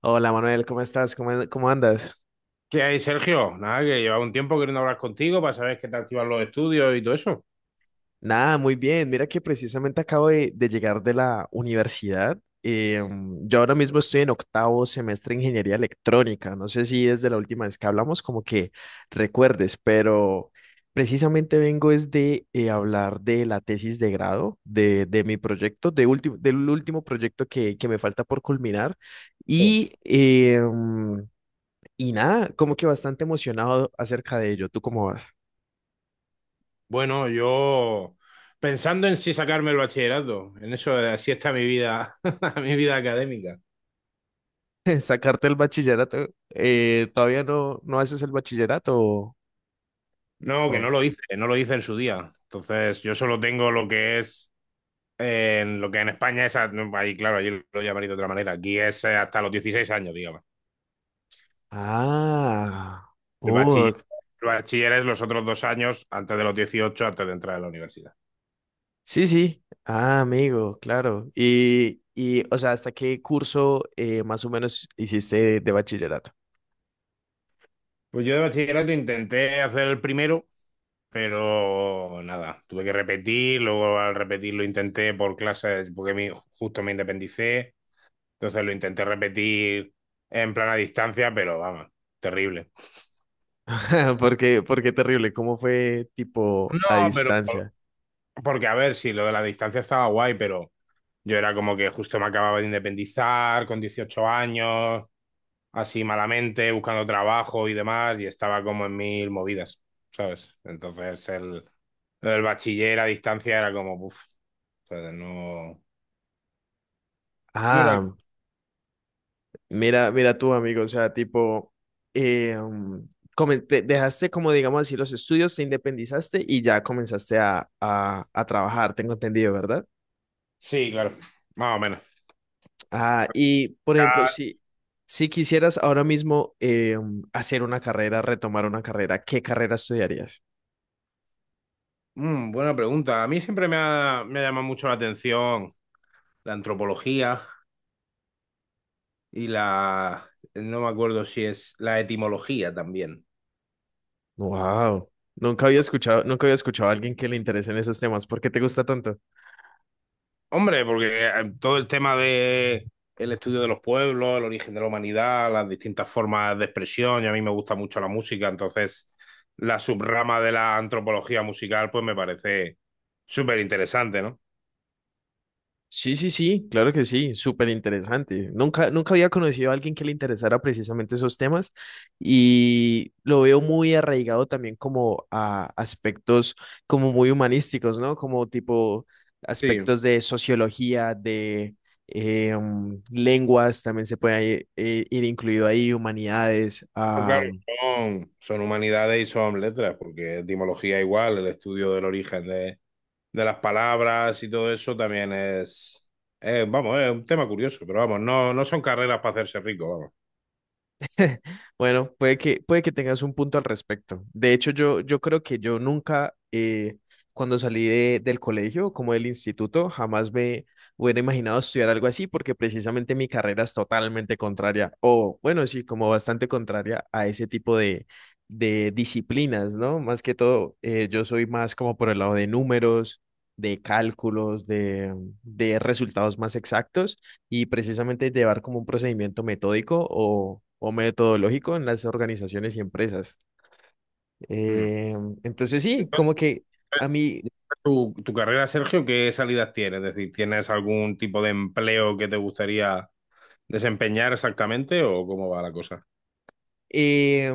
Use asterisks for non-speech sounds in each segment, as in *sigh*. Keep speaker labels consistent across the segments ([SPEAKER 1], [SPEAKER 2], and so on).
[SPEAKER 1] Hola Manuel, ¿cómo estás? ¿Cómo andas?
[SPEAKER 2] ¿Qué hay, Sergio? Nada, que llevaba un tiempo queriendo hablar contigo para saber qué te activan los estudios y todo eso.
[SPEAKER 1] Nada, muy bien. Mira que precisamente acabo de llegar de la universidad. Yo ahora mismo estoy en octavo semestre de ingeniería electrónica. No sé si desde la última vez que hablamos como que recuerdes, pero precisamente vengo es de hablar de la tesis de grado, de mi proyecto, del último proyecto que me falta por culminar.
[SPEAKER 2] Sí.
[SPEAKER 1] Y, eh, y nada, como que bastante emocionado acerca de ello. ¿Tú cómo vas?
[SPEAKER 2] Bueno, yo pensando en si sacarme el bachillerato, en eso, así está mi vida, *laughs* mi vida académica.
[SPEAKER 1] *laughs* Sacarte el bachillerato. ¿Todavía no haces el bachillerato?
[SPEAKER 2] No, que
[SPEAKER 1] O-
[SPEAKER 2] no lo hice, no lo hice en su día. Entonces, yo solo tengo lo que es, en lo que en España es, ahí claro, allí lo llamaré de otra manera. Aquí es, hasta los 16 años, digamos.
[SPEAKER 1] Ah,
[SPEAKER 2] El
[SPEAKER 1] oh,
[SPEAKER 2] bachiller, el bachiller es los otros 2 años antes de los 18, antes de entrar a la universidad.
[SPEAKER 1] sí, sí. Ah, amigo, claro. O sea, ¿hasta qué curso más o menos hiciste de bachillerato?
[SPEAKER 2] Pues yo de bachillerato intenté hacer el primero, pero nada, tuve que repetir, luego al repetir lo intenté por clases, porque justo me independicé, entonces lo intenté repetir en plan a distancia, pero vamos, terrible.
[SPEAKER 1] *laughs* Porque terrible. ¿Cómo fue tipo
[SPEAKER 2] No,
[SPEAKER 1] a
[SPEAKER 2] pero
[SPEAKER 1] distancia?
[SPEAKER 2] porque a ver, si lo de la distancia estaba guay, pero yo era como que justo me acababa de independizar con 18 años, así malamente, buscando trabajo y demás, y estaba como en mil movidas, ¿sabes? Entonces lo del bachiller a distancia era como, uff, no. No era.
[SPEAKER 1] Ah, mira, mira tú, amigo, o sea, tipo, eh, um, dejaste como, digamos así, los estudios, te independizaste y ya comenzaste a trabajar, tengo entendido, ¿verdad?
[SPEAKER 2] Sí, claro, más o menos.
[SPEAKER 1] Ah, y, por ejemplo,
[SPEAKER 2] Ah,
[SPEAKER 1] si quisieras ahora mismo hacer una carrera, retomar una carrera, ¿qué carrera estudiarías?
[SPEAKER 2] buena pregunta. A mí siempre me ha llamado mucho la atención la antropología y la. No me acuerdo si es la etimología también.
[SPEAKER 1] Wow, nunca había escuchado a alguien que le interesen esos temas. ¿Por qué te gusta tanto?
[SPEAKER 2] Hombre, porque todo el tema de el estudio de los pueblos, el origen de la humanidad, las distintas formas de expresión, y a mí me gusta mucho la música, entonces la subrama de la antropología musical pues me parece súper interesante, ¿no?
[SPEAKER 1] Sí, sí, sí, claro que sí, súper interesante. Nunca había conocido a alguien que le interesara precisamente esos temas y lo veo muy arraigado también como a aspectos como muy humanísticos, ¿no? Como tipo
[SPEAKER 2] Sí.
[SPEAKER 1] aspectos de sociología, de lenguas, también se puede ahí, ir incluido ahí, humanidades.
[SPEAKER 2] No, claro, son humanidades y son letras, porque etimología igual, el estudio del origen de las palabras y todo eso también es, vamos, es un tema curioso, pero vamos, no, no son carreras para hacerse rico, vamos.
[SPEAKER 1] *laughs* Bueno, puede que tengas un punto al respecto. De hecho, yo creo que yo nunca, cuando salí del colegio, como del instituto, jamás me hubiera imaginado estudiar algo así, porque precisamente mi carrera es totalmente contraria, o bueno, sí, como bastante contraria a ese tipo de disciplinas, ¿no? Más que todo, yo soy más como por el lado de números, de cálculos, de resultados más exactos y precisamente llevar como un procedimiento metódico o metodológico en las organizaciones y empresas.
[SPEAKER 2] Mm.
[SPEAKER 1] Eh, entonces sí,
[SPEAKER 2] Entonces,
[SPEAKER 1] como que a mí
[SPEAKER 2] tu carrera, Sergio, qué salidas tienes? Es decir, ¿tienes algún tipo de empleo que te gustaría desempeñar exactamente o cómo va la cosa?
[SPEAKER 1] Eh,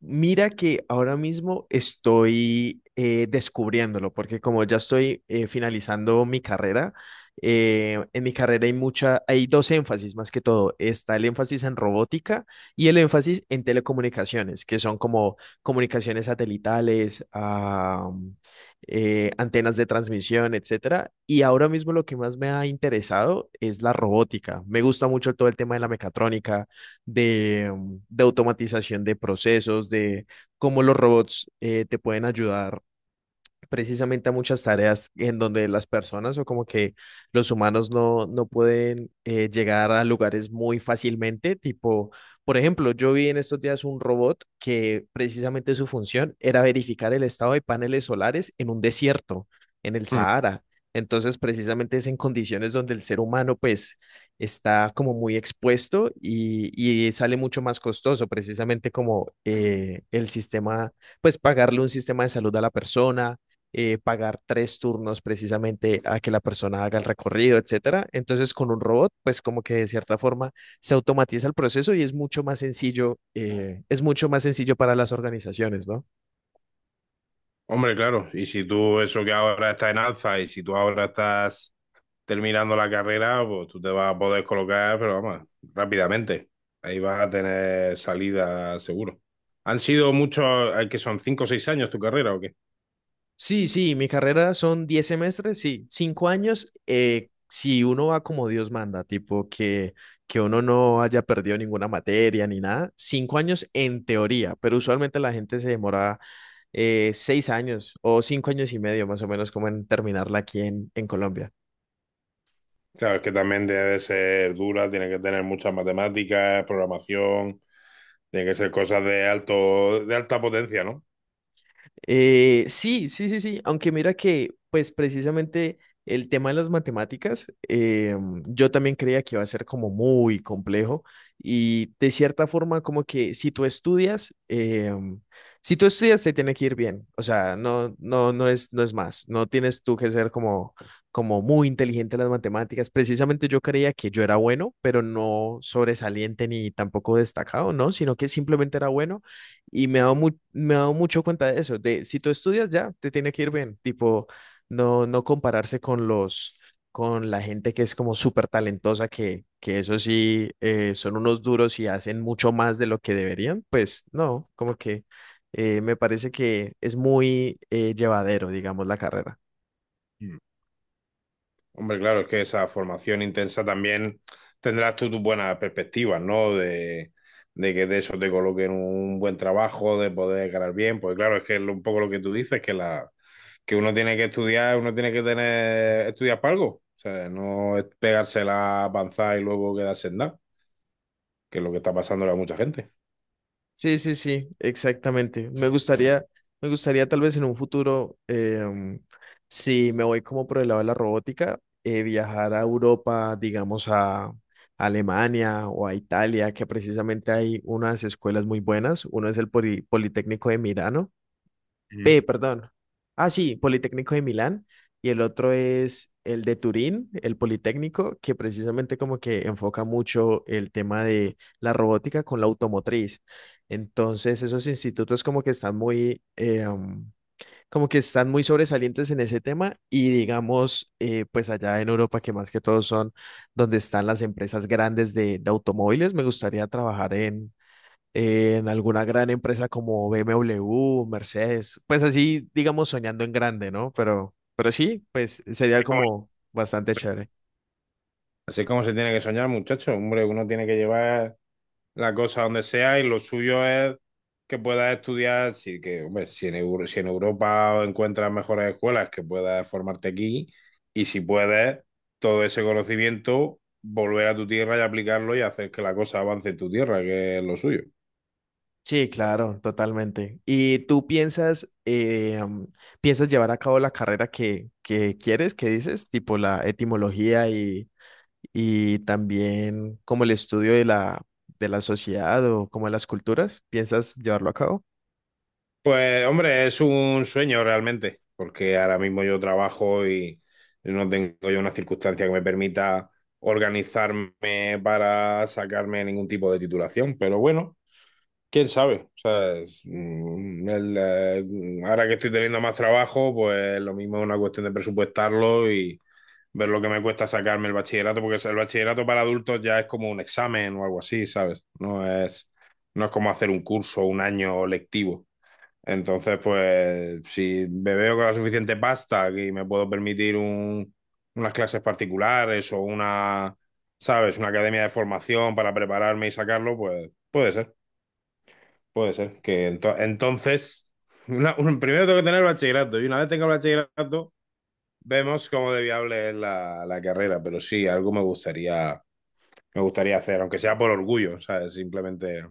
[SPEAKER 1] mira que ahora mismo estoy descubriéndolo, porque como ya estoy finalizando mi carrera, en mi carrera hay dos énfasis más que todo. Está el énfasis en robótica y el énfasis en telecomunicaciones, que son como comunicaciones satelitales, antenas de transmisión, etcétera. Y ahora mismo lo que más me ha interesado es la robótica. Me gusta mucho todo el tema de la mecatrónica, de de automatización de procesos, de cómo los robots te pueden ayudar precisamente a muchas tareas en donde las personas o como que los humanos no pueden llegar a lugares muy fácilmente. Tipo, por ejemplo, yo vi en estos días un robot que precisamente su función era verificar el estado de paneles solares en un desierto, en el Sahara. Entonces, precisamente es en condiciones donde el ser humano, pues, está como muy expuesto y sale mucho más costoso, precisamente como el sistema, pues, pagarle un sistema de salud a la persona, pagar tres turnos precisamente a que la persona haga el recorrido, etcétera. Entonces, con un robot, pues como que de cierta forma se automatiza el proceso y es mucho más sencillo, es mucho más sencillo para las organizaciones, ¿no?
[SPEAKER 2] Hombre, claro, y si tú eso que ahora está en alza y si tú ahora estás terminando la carrera, pues tú te vas a poder colocar, pero vamos, rápidamente. Ahí vas a tener salida seguro. ¿Han sido muchos, que son 5 o 6 años tu carrera o qué?
[SPEAKER 1] Sí, sí, mi carrera son 10 semestres, sí, 5 años, si uno va como Dios manda, tipo que uno no haya perdido ninguna materia ni nada, 5 años en teoría, pero usualmente la gente se demora 6 años o 5 años y medio más o menos como en terminarla aquí en Colombia.
[SPEAKER 2] Claro, es que también debe ser dura, tiene que tener muchas matemáticas, programación, tiene que ser cosas de alto, de alta potencia, ¿no?
[SPEAKER 1] Sí, sí, sí, sí, aunque mira que, pues precisamente el tema de las matemáticas, yo también creía que iba a ser como muy complejo y de cierta forma como que si tú estudias, si tú estudias te tiene que ir bien, o sea, no, no, no es más, no tienes tú que ser como, como muy inteligente en las matemáticas, precisamente yo creía que yo era bueno, pero no sobresaliente ni tampoco destacado, ¿no? Sino que simplemente era bueno y me he me he dado mucho cuenta de eso, de si tú estudias ya, te tiene que ir bien, tipo, no compararse con con la gente que es como súper talentosa, que eso sí, son unos duros y hacen mucho más de lo que deberían, pues no, como que me parece que es muy llevadero, digamos, la carrera.
[SPEAKER 2] Hombre, claro, es que esa formación intensa también tendrás tú tus buenas perspectivas, ¿no? De que de eso te coloquen un buen trabajo, de poder ganar bien, pues claro, es que es un poco lo que tú dices, que la que uno tiene que estudiar, uno tiene que tener estudiar para algo, o sea, no es pegársela, avanzar y luego quedarse en nada, que es lo que está pasando a mucha gente.
[SPEAKER 1] Sí, sí, sí, exactamente. Me gustaría tal vez en un futuro, si me voy como por el lado de la robótica, viajar a Europa, digamos a Alemania o a Italia, que precisamente hay unas escuelas muy buenas. Uno es el Politécnico de Milano,
[SPEAKER 2] Ujú.
[SPEAKER 1] P, perdón. Ah, sí, Politécnico de Milán. Y el otro es el de Turín, el Politécnico, que precisamente como que enfoca mucho el tema de la robótica con la automotriz. Entonces, esos institutos como que están muy, como que están muy sobresalientes en ese tema y digamos, pues allá en Europa, que más que todo son donde están las empresas grandes de automóviles, me gustaría trabajar en alguna gran empresa como BMW, Mercedes, pues así, digamos, soñando en grande, ¿no? Pero sí, pues sería como bastante chévere.
[SPEAKER 2] Así es como se tiene que soñar, muchachos, hombre, uno tiene que llevar la cosa donde sea y lo suyo es que puedas estudiar, si, que, hombre, si, si en Europa encuentras mejores escuelas, que puedas formarte aquí y si puedes, todo ese conocimiento, volver a tu tierra y aplicarlo y hacer que la cosa avance en tu tierra, que es lo suyo.
[SPEAKER 1] Sí, claro, totalmente. ¿Y tú piensas, piensas llevar a cabo la carrera que quieres, que dices, tipo la etimología y también como el estudio de de la sociedad o como de las culturas? ¿Piensas llevarlo a cabo?
[SPEAKER 2] Pues hombre, es un sueño realmente, porque ahora mismo yo trabajo y no tengo yo una circunstancia que me permita organizarme para sacarme ningún tipo de titulación, pero bueno. Quién sabe. O sea, ahora que estoy teniendo más trabajo, pues lo mismo es una cuestión de presupuestarlo y ver lo que me cuesta sacarme el bachillerato, porque el bachillerato para adultos ya es como un examen o algo así, ¿sabes? No es como hacer un curso, un año lectivo. Entonces, pues, si me veo con la suficiente pasta y me puedo permitir unas clases particulares o ¿sabes? Una academia de formación para prepararme y sacarlo, pues puede ser. Puede ser que entonces, primero tengo que tener bachillerato y una vez tenga bachillerato, vemos cómo de viable es la carrera, pero sí, algo me gustaría, hacer, aunque sea por orgullo, ¿sabes? Simplemente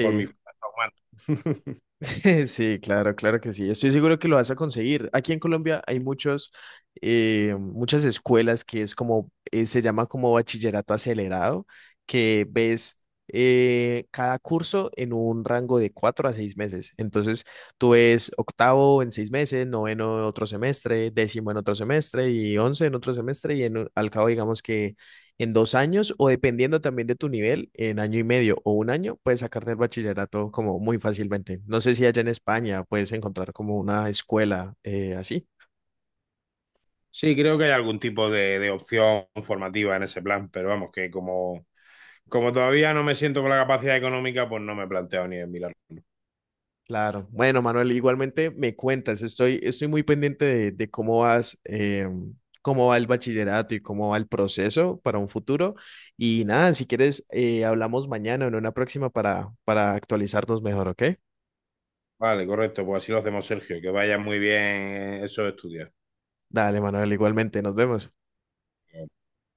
[SPEAKER 2] por mi cuenta humana. *laughs*
[SPEAKER 1] *laughs* Sí, claro, claro que sí. Estoy seguro que lo vas a conseguir. Aquí en Colombia hay muchos, muchas escuelas que es como, se llama como bachillerato acelerado, que ves cada curso en un rango de cuatro a seis meses. Entonces, tú ves octavo en seis meses, noveno en otro semestre, décimo en otro semestre y once en otro semestre y en, al cabo digamos que en dos años o dependiendo también de tu nivel, en año y medio o un año, puedes sacarte el bachillerato como muy fácilmente. No sé si allá en España puedes encontrar como una escuela así.
[SPEAKER 2] Sí, creo que hay algún tipo de opción formativa en ese plan, pero vamos, que como todavía no me siento con la capacidad económica, pues no me he planteado ni en mirarlo.
[SPEAKER 1] Claro. Bueno, Manuel, igualmente me cuentas, estoy muy pendiente de cómo vas, cómo va el bachillerato y cómo va el proceso para un futuro. Y nada, si quieres, hablamos mañana o en una próxima para actualizarnos mejor, ¿ok?
[SPEAKER 2] Vale, correcto, pues así lo hacemos, Sergio, que vaya muy bien esos estudios.
[SPEAKER 1] Dale, Manuel, igualmente, nos vemos.